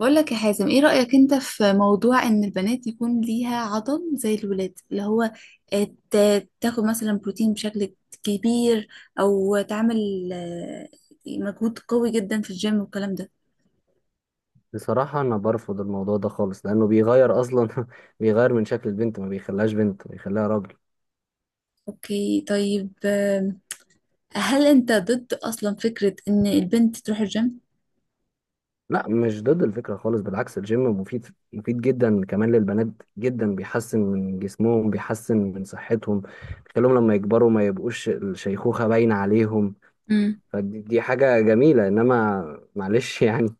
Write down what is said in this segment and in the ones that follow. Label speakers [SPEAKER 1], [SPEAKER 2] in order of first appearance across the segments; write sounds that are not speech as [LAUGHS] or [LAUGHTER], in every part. [SPEAKER 1] بقول لك يا حازم ايه رأيك انت في موضوع ان البنات يكون ليها عضل زي الولاد اللي هو تاخد مثلا بروتين بشكل كبير، او تعمل مجهود قوي جدا في الجيم والكلام ده.
[SPEAKER 2] بصراحة، أنا برفض الموضوع ده خالص لأنه بيغير أصلا [LAUGHS] بيغير من شكل البنت، ما بيخليهاش بنت، بيخليها راجل.
[SPEAKER 1] اوكي، طيب. هل انت ضد اصلا فكرة ان البنت تروح الجيم؟
[SPEAKER 2] لا، مش ضد الفكرة خالص، بالعكس الجيم مفيد. مفيد جدا كمان للبنات جدا، بيحسن من جسمهم، بيحسن من صحتهم، بيخليهم لما يكبروا ما يبقوش الشيخوخة باينة عليهم.
[SPEAKER 1] امم.
[SPEAKER 2] فدي حاجة جميلة، إنما معلش [LAUGHS] يعني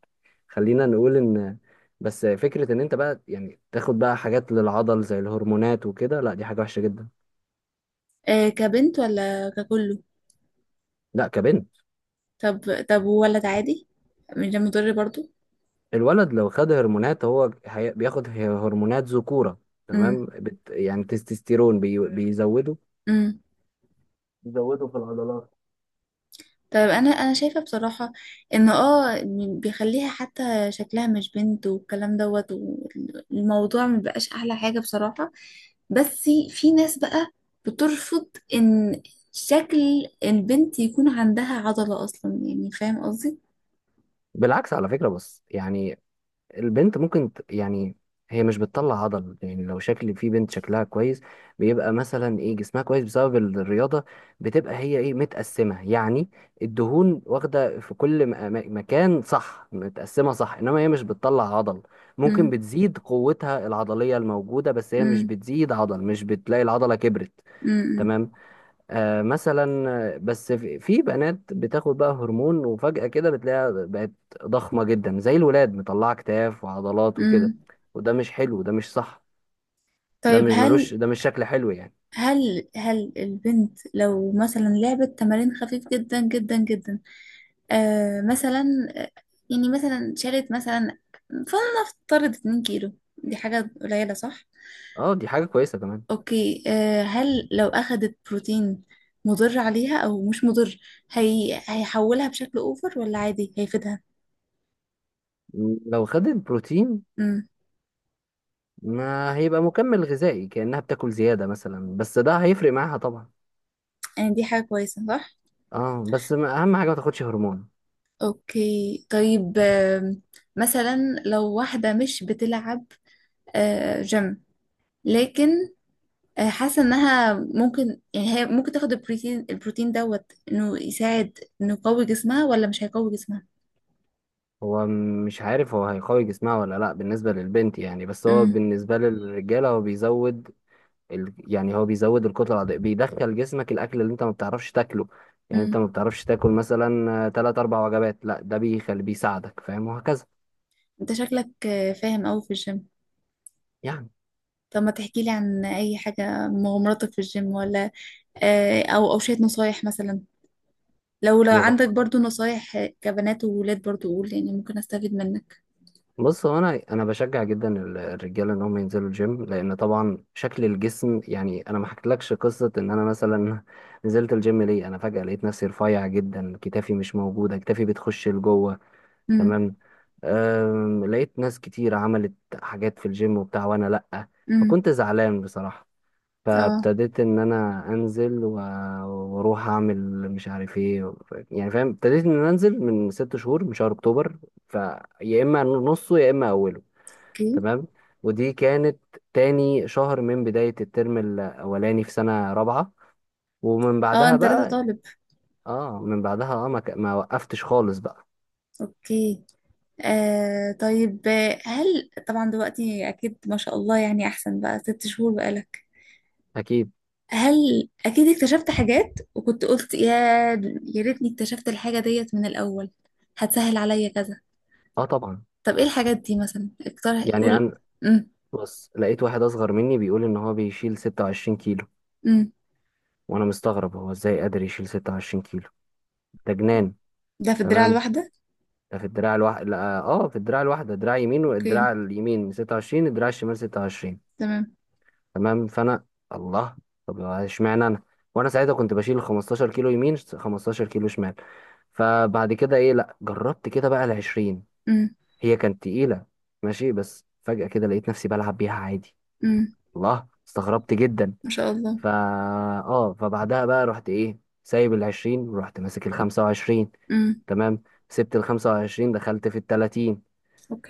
[SPEAKER 2] خلينا نقول إن بس فكرة إن أنت بقى يعني تاخد بقى حاجات للعضل زي الهرمونات وكده، لا دي حاجة وحشة جدا.
[SPEAKER 1] كبنت ولا ككله؟
[SPEAKER 2] لا، كبنت.
[SPEAKER 1] طب ولد عادي، مش ده مضر برضو؟
[SPEAKER 2] الولد لو خد هرمونات، هو بياخد هرمونات ذكورة، تمام؟ بت يعني تستوستيرون بيزوده،
[SPEAKER 1] امم.
[SPEAKER 2] يزودوا في العضلات.
[SPEAKER 1] طيب، انا شايفه بصراحه ان بيخليها حتى شكلها مش بنت، والكلام دوت، والموضوع مبقاش احلى حاجه بصراحه. بس في ناس بقى بترفض ان شكل البنت يكون عندها عضله اصلا، يعني فاهم قصدي؟
[SPEAKER 2] بالعكس على فكرة، بس يعني البنت ممكن يعني هي مش بتطلع عضل. يعني لو شكل في بنت شكلها كويس، بيبقى مثلا ايه، جسمها كويس بسبب الرياضة، بتبقى هي ايه متقسمة، يعني الدهون واخدة في كل مكان، صح؟ متقسمة، صح، انما هي مش بتطلع عضل. ممكن
[SPEAKER 1] امم.
[SPEAKER 2] بتزيد قوتها العضلية الموجودة، بس هي مش
[SPEAKER 1] امم.
[SPEAKER 2] بتزيد عضل، مش بتلاقي العضلة كبرت.
[SPEAKER 1] امم.
[SPEAKER 2] تمام. مثلا، بس في بنات بتاخد بقى هرمون وفجأة كده بتلاقيها بقت ضخمة جدا زي الولاد، مطلعة كتاف وعضلات وكده.
[SPEAKER 1] امم.
[SPEAKER 2] وده مش حلو، ده مش صح. ده
[SPEAKER 1] طيب،
[SPEAKER 2] مش
[SPEAKER 1] هل
[SPEAKER 2] ملوش، ده مش شكل حلو يعني.
[SPEAKER 1] هل هل البنت لو مثلا لعبت تمارين خفيف جدا جدا جدا، مثلا يعني مثلا شالت مثلا فلنفترض 2 كيلو، دي حاجة قليلة، صح؟
[SPEAKER 2] اه دي حاجة كويسة كمان.
[SPEAKER 1] اوكي، هل لو اخدت بروتين مضر عليها او مش مضر؟ هي هيحولها بشكل اوفر ولا عادي هيفيدها؟
[SPEAKER 2] لو خدت بروتين،
[SPEAKER 1] امم.
[SPEAKER 2] ما هيبقى مكمل غذائي كأنها بتاكل زيادة مثلا، بس ده هيفرق معاها طبعا.
[SPEAKER 1] يعني دي حاجة كويسة، صح؟
[SPEAKER 2] اه، بس أهم حاجة ما تاخدش هرمون.
[SPEAKER 1] اوكي، طيب. مثلا لو واحدة مش بتلعب جيم، لكن حاسه انها ممكن، يعني هي ممكن تاخد البروتين دوت، انه يساعد، انه يقوي جسمها ولا مش هيقوي جسمها؟
[SPEAKER 2] هو مش عارف هو هيقوي جسمها ولا لا، بالنسبة للبنت يعني، بس هو
[SPEAKER 1] امم.
[SPEAKER 2] بالنسبة للرجالة هو بيزود يعني هو بيزود الكتلة العضلية، بيدخل جسمك الأكل اللي أنت ما بتعرفش تاكله. يعني أنت
[SPEAKER 1] امم.
[SPEAKER 2] ما بتعرفش تاكل مثلا تلات أربع وجبات، لا ده بيخلي، بيساعدك، فاهم؟ وهكذا
[SPEAKER 1] انت شكلك فاهم قوي في الجيم.
[SPEAKER 2] يعني.
[SPEAKER 1] طب ما تحكي لي عن اي حاجه، مغامراتك في الجيم، ولا او شويه نصايح مثلا، لو عندك
[SPEAKER 2] مغامرات؟
[SPEAKER 1] برضو نصايح كبنات وولاد برضو قول، يعني ممكن استفيد منك.
[SPEAKER 2] بص، هو أنا بشجع جدا الرجالة إن هم ينزلوا الجيم، لأن طبعا شكل الجسم، يعني أنا ما حكيتلكش قصة إن أنا مثلا [LAUGHS] نزلت الجيم ليه. أنا فجأة لقيت نفسي رفيع جدا، كتافي مش موجودة، كتافي بتخش لجوه،
[SPEAKER 1] امم.
[SPEAKER 2] تمام. لقيت ناس كتير عملت حاجات في الجيم وبتاع، وانا لأ.
[SPEAKER 1] امم.
[SPEAKER 2] فكنت زعلان بصراحة،
[SPEAKER 1] اه.
[SPEAKER 2] فابتديت ان انا انزل واروح اعمل مش عارف ايه، يعني فاهم؟ ابتديت ان انا انزل من 6 شهور، من شهر اكتوبر، فيا اما نصه يا اما اوله.
[SPEAKER 1] اوكي.
[SPEAKER 2] تمام. ودي كانت تاني شهر من بداية الترم الاولاني في سنة رابعة، ومن
[SPEAKER 1] اه،
[SPEAKER 2] بعدها
[SPEAKER 1] انت لسه
[SPEAKER 2] بقى
[SPEAKER 1] طالب؟
[SPEAKER 2] اه، من بعدها اه ما وقفتش خالص بقى.
[SPEAKER 1] اوكي. آه، طيب. هل طبعا دلوقتي أكيد ما شاء الله، يعني أحسن بقى، 6 شهور بقالك.
[SPEAKER 2] اكيد.
[SPEAKER 1] هل أكيد اكتشفت حاجات وكنت قلت، يا ريتني اكتشفت الحاجة ديت من الأول، هتسهل عليا كذا؟
[SPEAKER 2] اه طبعا.
[SPEAKER 1] طب إيه الحاجات دي مثلا؟ اقترح، قول.
[SPEAKER 2] يعني
[SPEAKER 1] امم.
[SPEAKER 2] بص، لقيت واحد اصغر مني بيقول ان هو بيشيل 26 كيلو،
[SPEAKER 1] امم.
[SPEAKER 2] وانا مستغرب هو ازاي قادر يشيل 26 كيلو؟ ده جنان.
[SPEAKER 1] ده في الدراع
[SPEAKER 2] تمام.
[SPEAKER 1] الواحدة؟
[SPEAKER 2] ده في الدراع الواحد، لا اه في الدراع الواحده، دراع يمين
[SPEAKER 1] أوكي.
[SPEAKER 2] والدراع اليمين 26، الدراع الشمال 26.
[SPEAKER 1] تمام.
[SPEAKER 2] تمام. فانا، الله، طب اشمعنى انا؟ وانا ساعتها كنت بشيل 15 كيلو يمين، 15 كيلو شمال. فبعد كده ايه، لا جربت كده بقى ال 20،
[SPEAKER 1] امم.
[SPEAKER 2] هي كانت تقيله ماشي، بس فجأة كده لقيت نفسي بلعب بيها عادي.
[SPEAKER 1] امم.
[SPEAKER 2] الله، استغربت جدا.
[SPEAKER 1] ما شاء الله.
[SPEAKER 2] فا، اه فبعدها بقى رحت ايه سايب العشرين ورحت ماسك الخمسة وعشرين.
[SPEAKER 1] امم.
[SPEAKER 2] تمام. سبت الخمسة وعشرين، دخلت في التلاتين.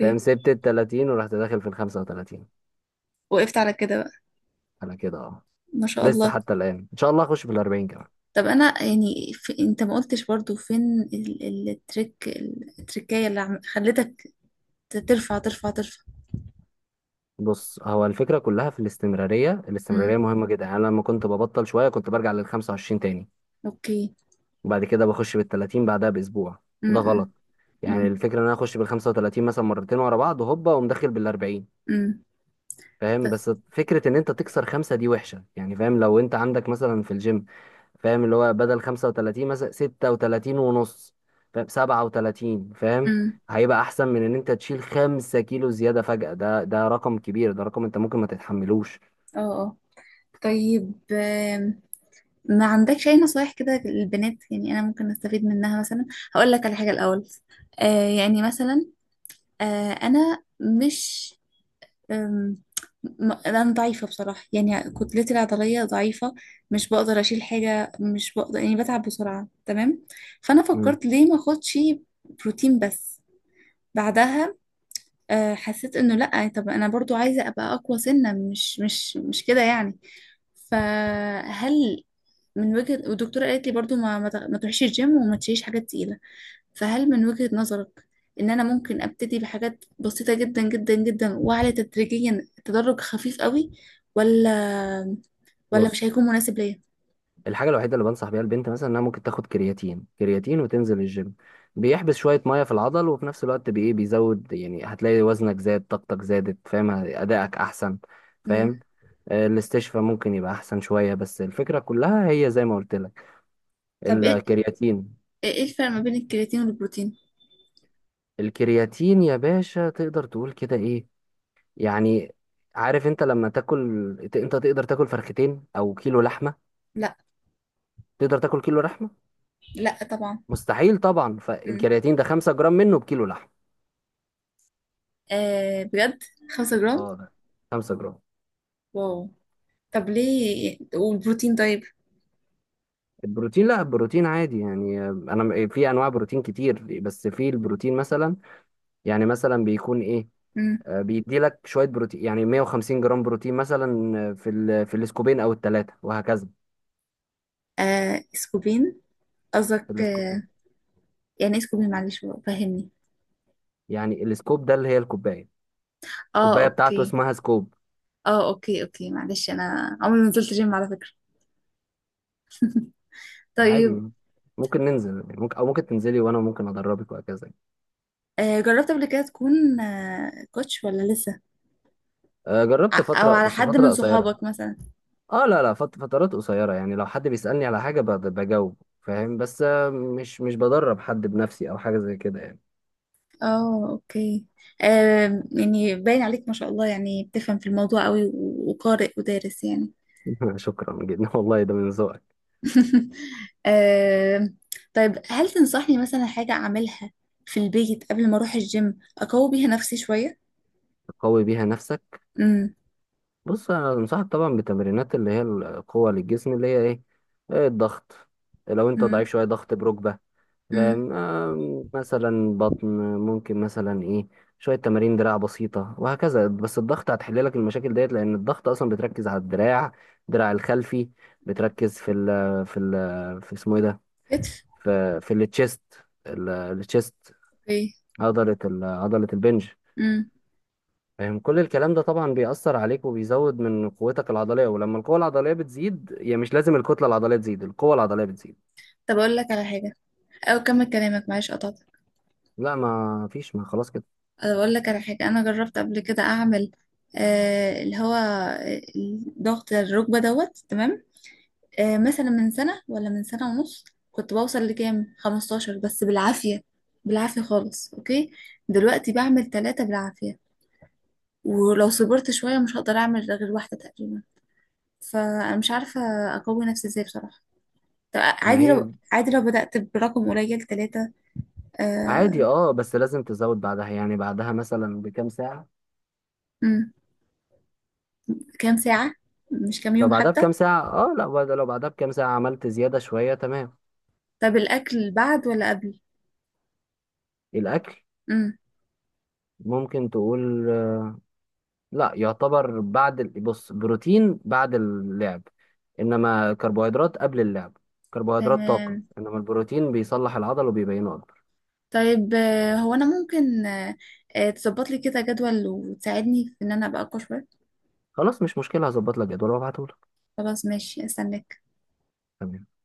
[SPEAKER 2] فاهم؟ سبت التلاتين ورحت داخل في الخمسة وتلاتين.
[SPEAKER 1] وقفت على كده بقى؟
[SPEAKER 2] انا كده اه،
[SPEAKER 1] ما شاء
[SPEAKER 2] لسه
[SPEAKER 1] الله.
[SPEAKER 2] حتى الآن ان شاء الله اخش في الأربعين كمان.
[SPEAKER 1] طب انا يعني، في انت ما قلتش برضو فين التركية اللي خلتك ترفع ترفع ترفع.
[SPEAKER 2] بص، هو الفكرة كلها في الاستمرارية.
[SPEAKER 1] امم.
[SPEAKER 2] الاستمرارية مهمة جدا. يعني أنا لما كنت ببطل شوية كنت برجع للخمسة وعشرين تاني،
[SPEAKER 1] اوكي.
[SPEAKER 2] وبعد كده بخش بالتلاتين بعدها بأسبوع. ده
[SPEAKER 1] امم.
[SPEAKER 2] غلط. يعني
[SPEAKER 1] امم.
[SPEAKER 2] الفكرة ان انا اخش بالخمسة وتلاتين مثلا مرتين ورا بعض وهوبا، ومدخل بالأربعين.
[SPEAKER 1] امم.
[SPEAKER 2] فاهم؟ بس فكرة ان انت تكسر خمسة دي وحشة يعني. فاهم؟ لو انت عندك مثلا في الجيم، فاهم اللي هو بدل 35 مثلا 36 ونص، فاهم؟ 37، فاهم؟
[SPEAKER 1] امم.
[SPEAKER 2] هيبقى احسن من ان انت تشيل 5 كيلو زيادة فجأة، ده رقم كبير، ده رقم انت ممكن ما تتحملوش.
[SPEAKER 1] اه. اه، طيب. ما عندكش اي نصايح كده للبنات، يعني انا ممكن استفيد منها مثلا؟ هقول لك على حاجة الاول. يعني مثلا، انا مش، أم، انا ضعيفه بصراحه، يعني كتلتي العضليه ضعيفه، مش بقدر اشيل حاجه، مش بقدر، يعني بتعب بسرعه، تمام. فانا
[SPEAKER 2] مم.
[SPEAKER 1] فكرت ليه ما اخدش بروتين، بس بعدها حسيت انه لا، طب انا برضو عايزه ابقى اقوى سنه، مش كده يعني. فهل من وجهه، والدكتوره قالت لي برضو ما تروحيش الجيم وما تشيليش حاجات تقيله، فهل من وجهة نظرك ان انا ممكن ابتدي بحاجات بسيطة جدا جدا جدا، واعلى تدريجيا، تدرج خفيف قوي، ولا ولا مش
[SPEAKER 2] بص،
[SPEAKER 1] هيكون مناسب ليا؟
[SPEAKER 2] الحاجه الوحيده اللي بنصح بيها البنت مثلا انها ممكن تاخد كرياتين. كرياتين وتنزل الجيم، بيحبس شويه ميه في العضل، وفي نفس الوقت بي إيه، بيزود. يعني هتلاقي وزنك زاد، طاقتك زادت، فاهم؟ ادائك احسن،
[SPEAKER 1] مم.
[SPEAKER 2] فاهم؟ الاستشفاء ممكن يبقى احسن شويه، بس الفكره كلها هي زي ما قلت لك،
[SPEAKER 1] طب ايه
[SPEAKER 2] الكرياتين.
[SPEAKER 1] ايه إيه الفرق ما بين الكرياتين والبروتين؟
[SPEAKER 2] الكرياتين يا باشا تقدر تقول كده، ايه يعني، عارف انت لما تاكل انت تقدر تاكل فرختين او كيلو لحمه؟
[SPEAKER 1] لا.
[SPEAKER 2] تقدر تاكل كيلو لحمه؟
[SPEAKER 1] لا طبعا.
[SPEAKER 2] مستحيل طبعا.
[SPEAKER 1] مم.
[SPEAKER 2] فالكرياتين ده 5 جرام منه بكيلو لحمه.
[SPEAKER 1] آه، بجد؟ 5 جرام؟
[SPEAKER 2] اه، 5 جرام.
[SPEAKER 1] واو. طب ليه والبروتين طيب؟
[SPEAKER 2] البروتين لا، البروتين عادي يعني، انا في انواع بروتين كتير، بس في البروتين مثلا، يعني مثلا بيكون ايه،
[SPEAKER 1] مم.
[SPEAKER 2] بيدي لك شويه بروتين، يعني 150 جرام بروتين مثلا، في في الاسكوبين او الثلاثه وهكذا.
[SPEAKER 1] آه، سكوبين؟
[SPEAKER 2] في
[SPEAKER 1] قصدك
[SPEAKER 2] الاسكوبين،
[SPEAKER 1] آه؟ يعني ايه سكوبين، معلش فهمني.
[SPEAKER 2] يعني الاسكوب ده اللي هي الكوبايه،
[SPEAKER 1] اه.
[SPEAKER 2] الكوبايه بتاعته
[SPEAKER 1] اوكي.
[SPEAKER 2] اسمها سكوب.
[SPEAKER 1] اه. اوكي، اوكي، معلش انا عمري ما نزلت جيم على فكرة.
[SPEAKER 2] عادي
[SPEAKER 1] طيب،
[SPEAKER 2] يعني. ممكن ننزل يعني، ممكن، او ممكن تنزلي وانا ممكن ادربك وهكذا يعني.
[SPEAKER 1] جربت قبل كده تكون كوتش ولا لسه؟
[SPEAKER 2] جربت
[SPEAKER 1] او
[SPEAKER 2] فتره
[SPEAKER 1] على
[SPEAKER 2] بس
[SPEAKER 1] حد
[SPEAKER 2] فتره
[SPEAKER 1] من
[SPEAKER 2] قصيره.
[SPEAKER 1] صحابك مثلا؟
[SPEAKER 2] اه لا لا، فترات قصيرة يعني. لو حد بيسألني على حاجة بجاوب، فاهم؟ بس مش بدرب حد بنفسي او حاجة زي كده يعني.
[SPEAKER 1] اه. اوكي. يعني باين عليك ما شاء الله، يعني بتفهم في الموضوع قوي و- وقارئ ودارس يعني.
[SPEAKER 2] [LAUGHS] شكرا جدا والله، ده من ذوقك.
[SPEAKER 1] [LAUGHS] آه، طيب، هل تنصحني مثلا حاجة اعملها في البيت قبل ما اروح الجيم، اقوي بيها نفسي شوية؟
[SPEAKER 2] قوي بيها نفسك؟
[SPEAKER 1] امم.
[SPEAKER 2] بص، انا انصحك طبعا بتمرينات اللي هي القوة للجسم، اللي هي ايه، إيه، الضغط. لو انت
[SPEAKER 1] امم.
[SPEAKER 2] ضعيف شوية، ضغط بركبة،
[SPEAKER 1] امم.
[SPEAKER 2] فاهم؟ مثلا بطن، ممكن مثلا ايه، شوية تمارين دراع بسيطة وهكذا. بس الضغط هتحل لك المشاكل ديت، لأن الضغط أصلا بتركز على الدراع، الدراع الخلفي، بتركز في اسمه ايه ده،
[SPEAKER 1] كتف.
[SPEAKER 2] في التشيست، التشيست.
[SPEAKER 1] اوكي.
[SPEAKER 2] عضلة البنج،
[SPEAKER 1] امم.
[SPEAKER 2] فاهم؟ كل الكلام ده طبعا بيأثر عليك وبيزود من قوتك العضلية، ولما القوة العضلية بتزيد، يعني مش لازم الكتلة العضلية تزيد، القوة العضلية بتزيد.
[SPEAKER 1] طب اقول لك على حاجة، او كمل كلامك، معلش قطعتك.
[SPEAKER 2] لا ما فيش، ما خلاص كده.
[SPEAKER 1] أنا بقول لك على حاجة. أنا جربت قبل كده أعمل اللي هو ضغط الركبة دوت، تمام؟ مثلا من سنة ولا من سنة ونص، كنت بوصل لكام 15، بس بالعافية، بالعافية خالص، أوكي؟ دلوقتي بعمل 3 بالعافية، ولو صبرت شوية مش هقدر أعمل غير واحدة تقريبا. فأنا مش عارفة أقوي نفسي إزاي بصراحة. طب
[SPEAKER 2] ما
[SPEAKER 1] عادي، لو
[SPEAKER 2] هي
[SPEAKER 1] عادي، لو بدأت برقم قليل، 3؟
[SPEAKER 2] عادي
[SPEAKER 1] آه.
[SPEAKER 2] اه، بس لازم تزود بعدها، يعني بعدها مثلا بكام ساعة.
[SPEAKER 1] مم، كام ساعة؟ مش كام
[SPEAKER 2] لو
[SPEAKER 1] يوم
[SPEAKER 2] بعدها
[SPEAKER 1] حتى؟
[SPEAKER 2] بكام ساعة اه لا، لو بعدها بكام ساعة عملت زيادة شوية، تمام.
[SPEAKER 1] طب الأكل بعد ولا قبل؟
[SPEAKER 2] الأكل
[SPEAKER 1] امم.
[SPEAKER 2] ممكن تقول لا، يعتبر بعد بص، بروتين بعد اللعب، إنما كربوهيدرات قبل اللعب. كربوهيدرات طاقة،
[SPEAKER 1] تمام.
[SPEAKER 2] إنما البروتين بيصلح العضل وبيبينه أكبر.
[SPEAKER 1] طيب هو انا ممكن تظبط لي كده جدول، وتساعدني في ان انا ابقى اقوى شويه؟
[SPEAKER 2] خلاص مش مشكلة، هظبط لك جدول وابعتهولك.
[SPEAKER 1] خلاص ماشي استناك.
[SPEAKER 2] تمام.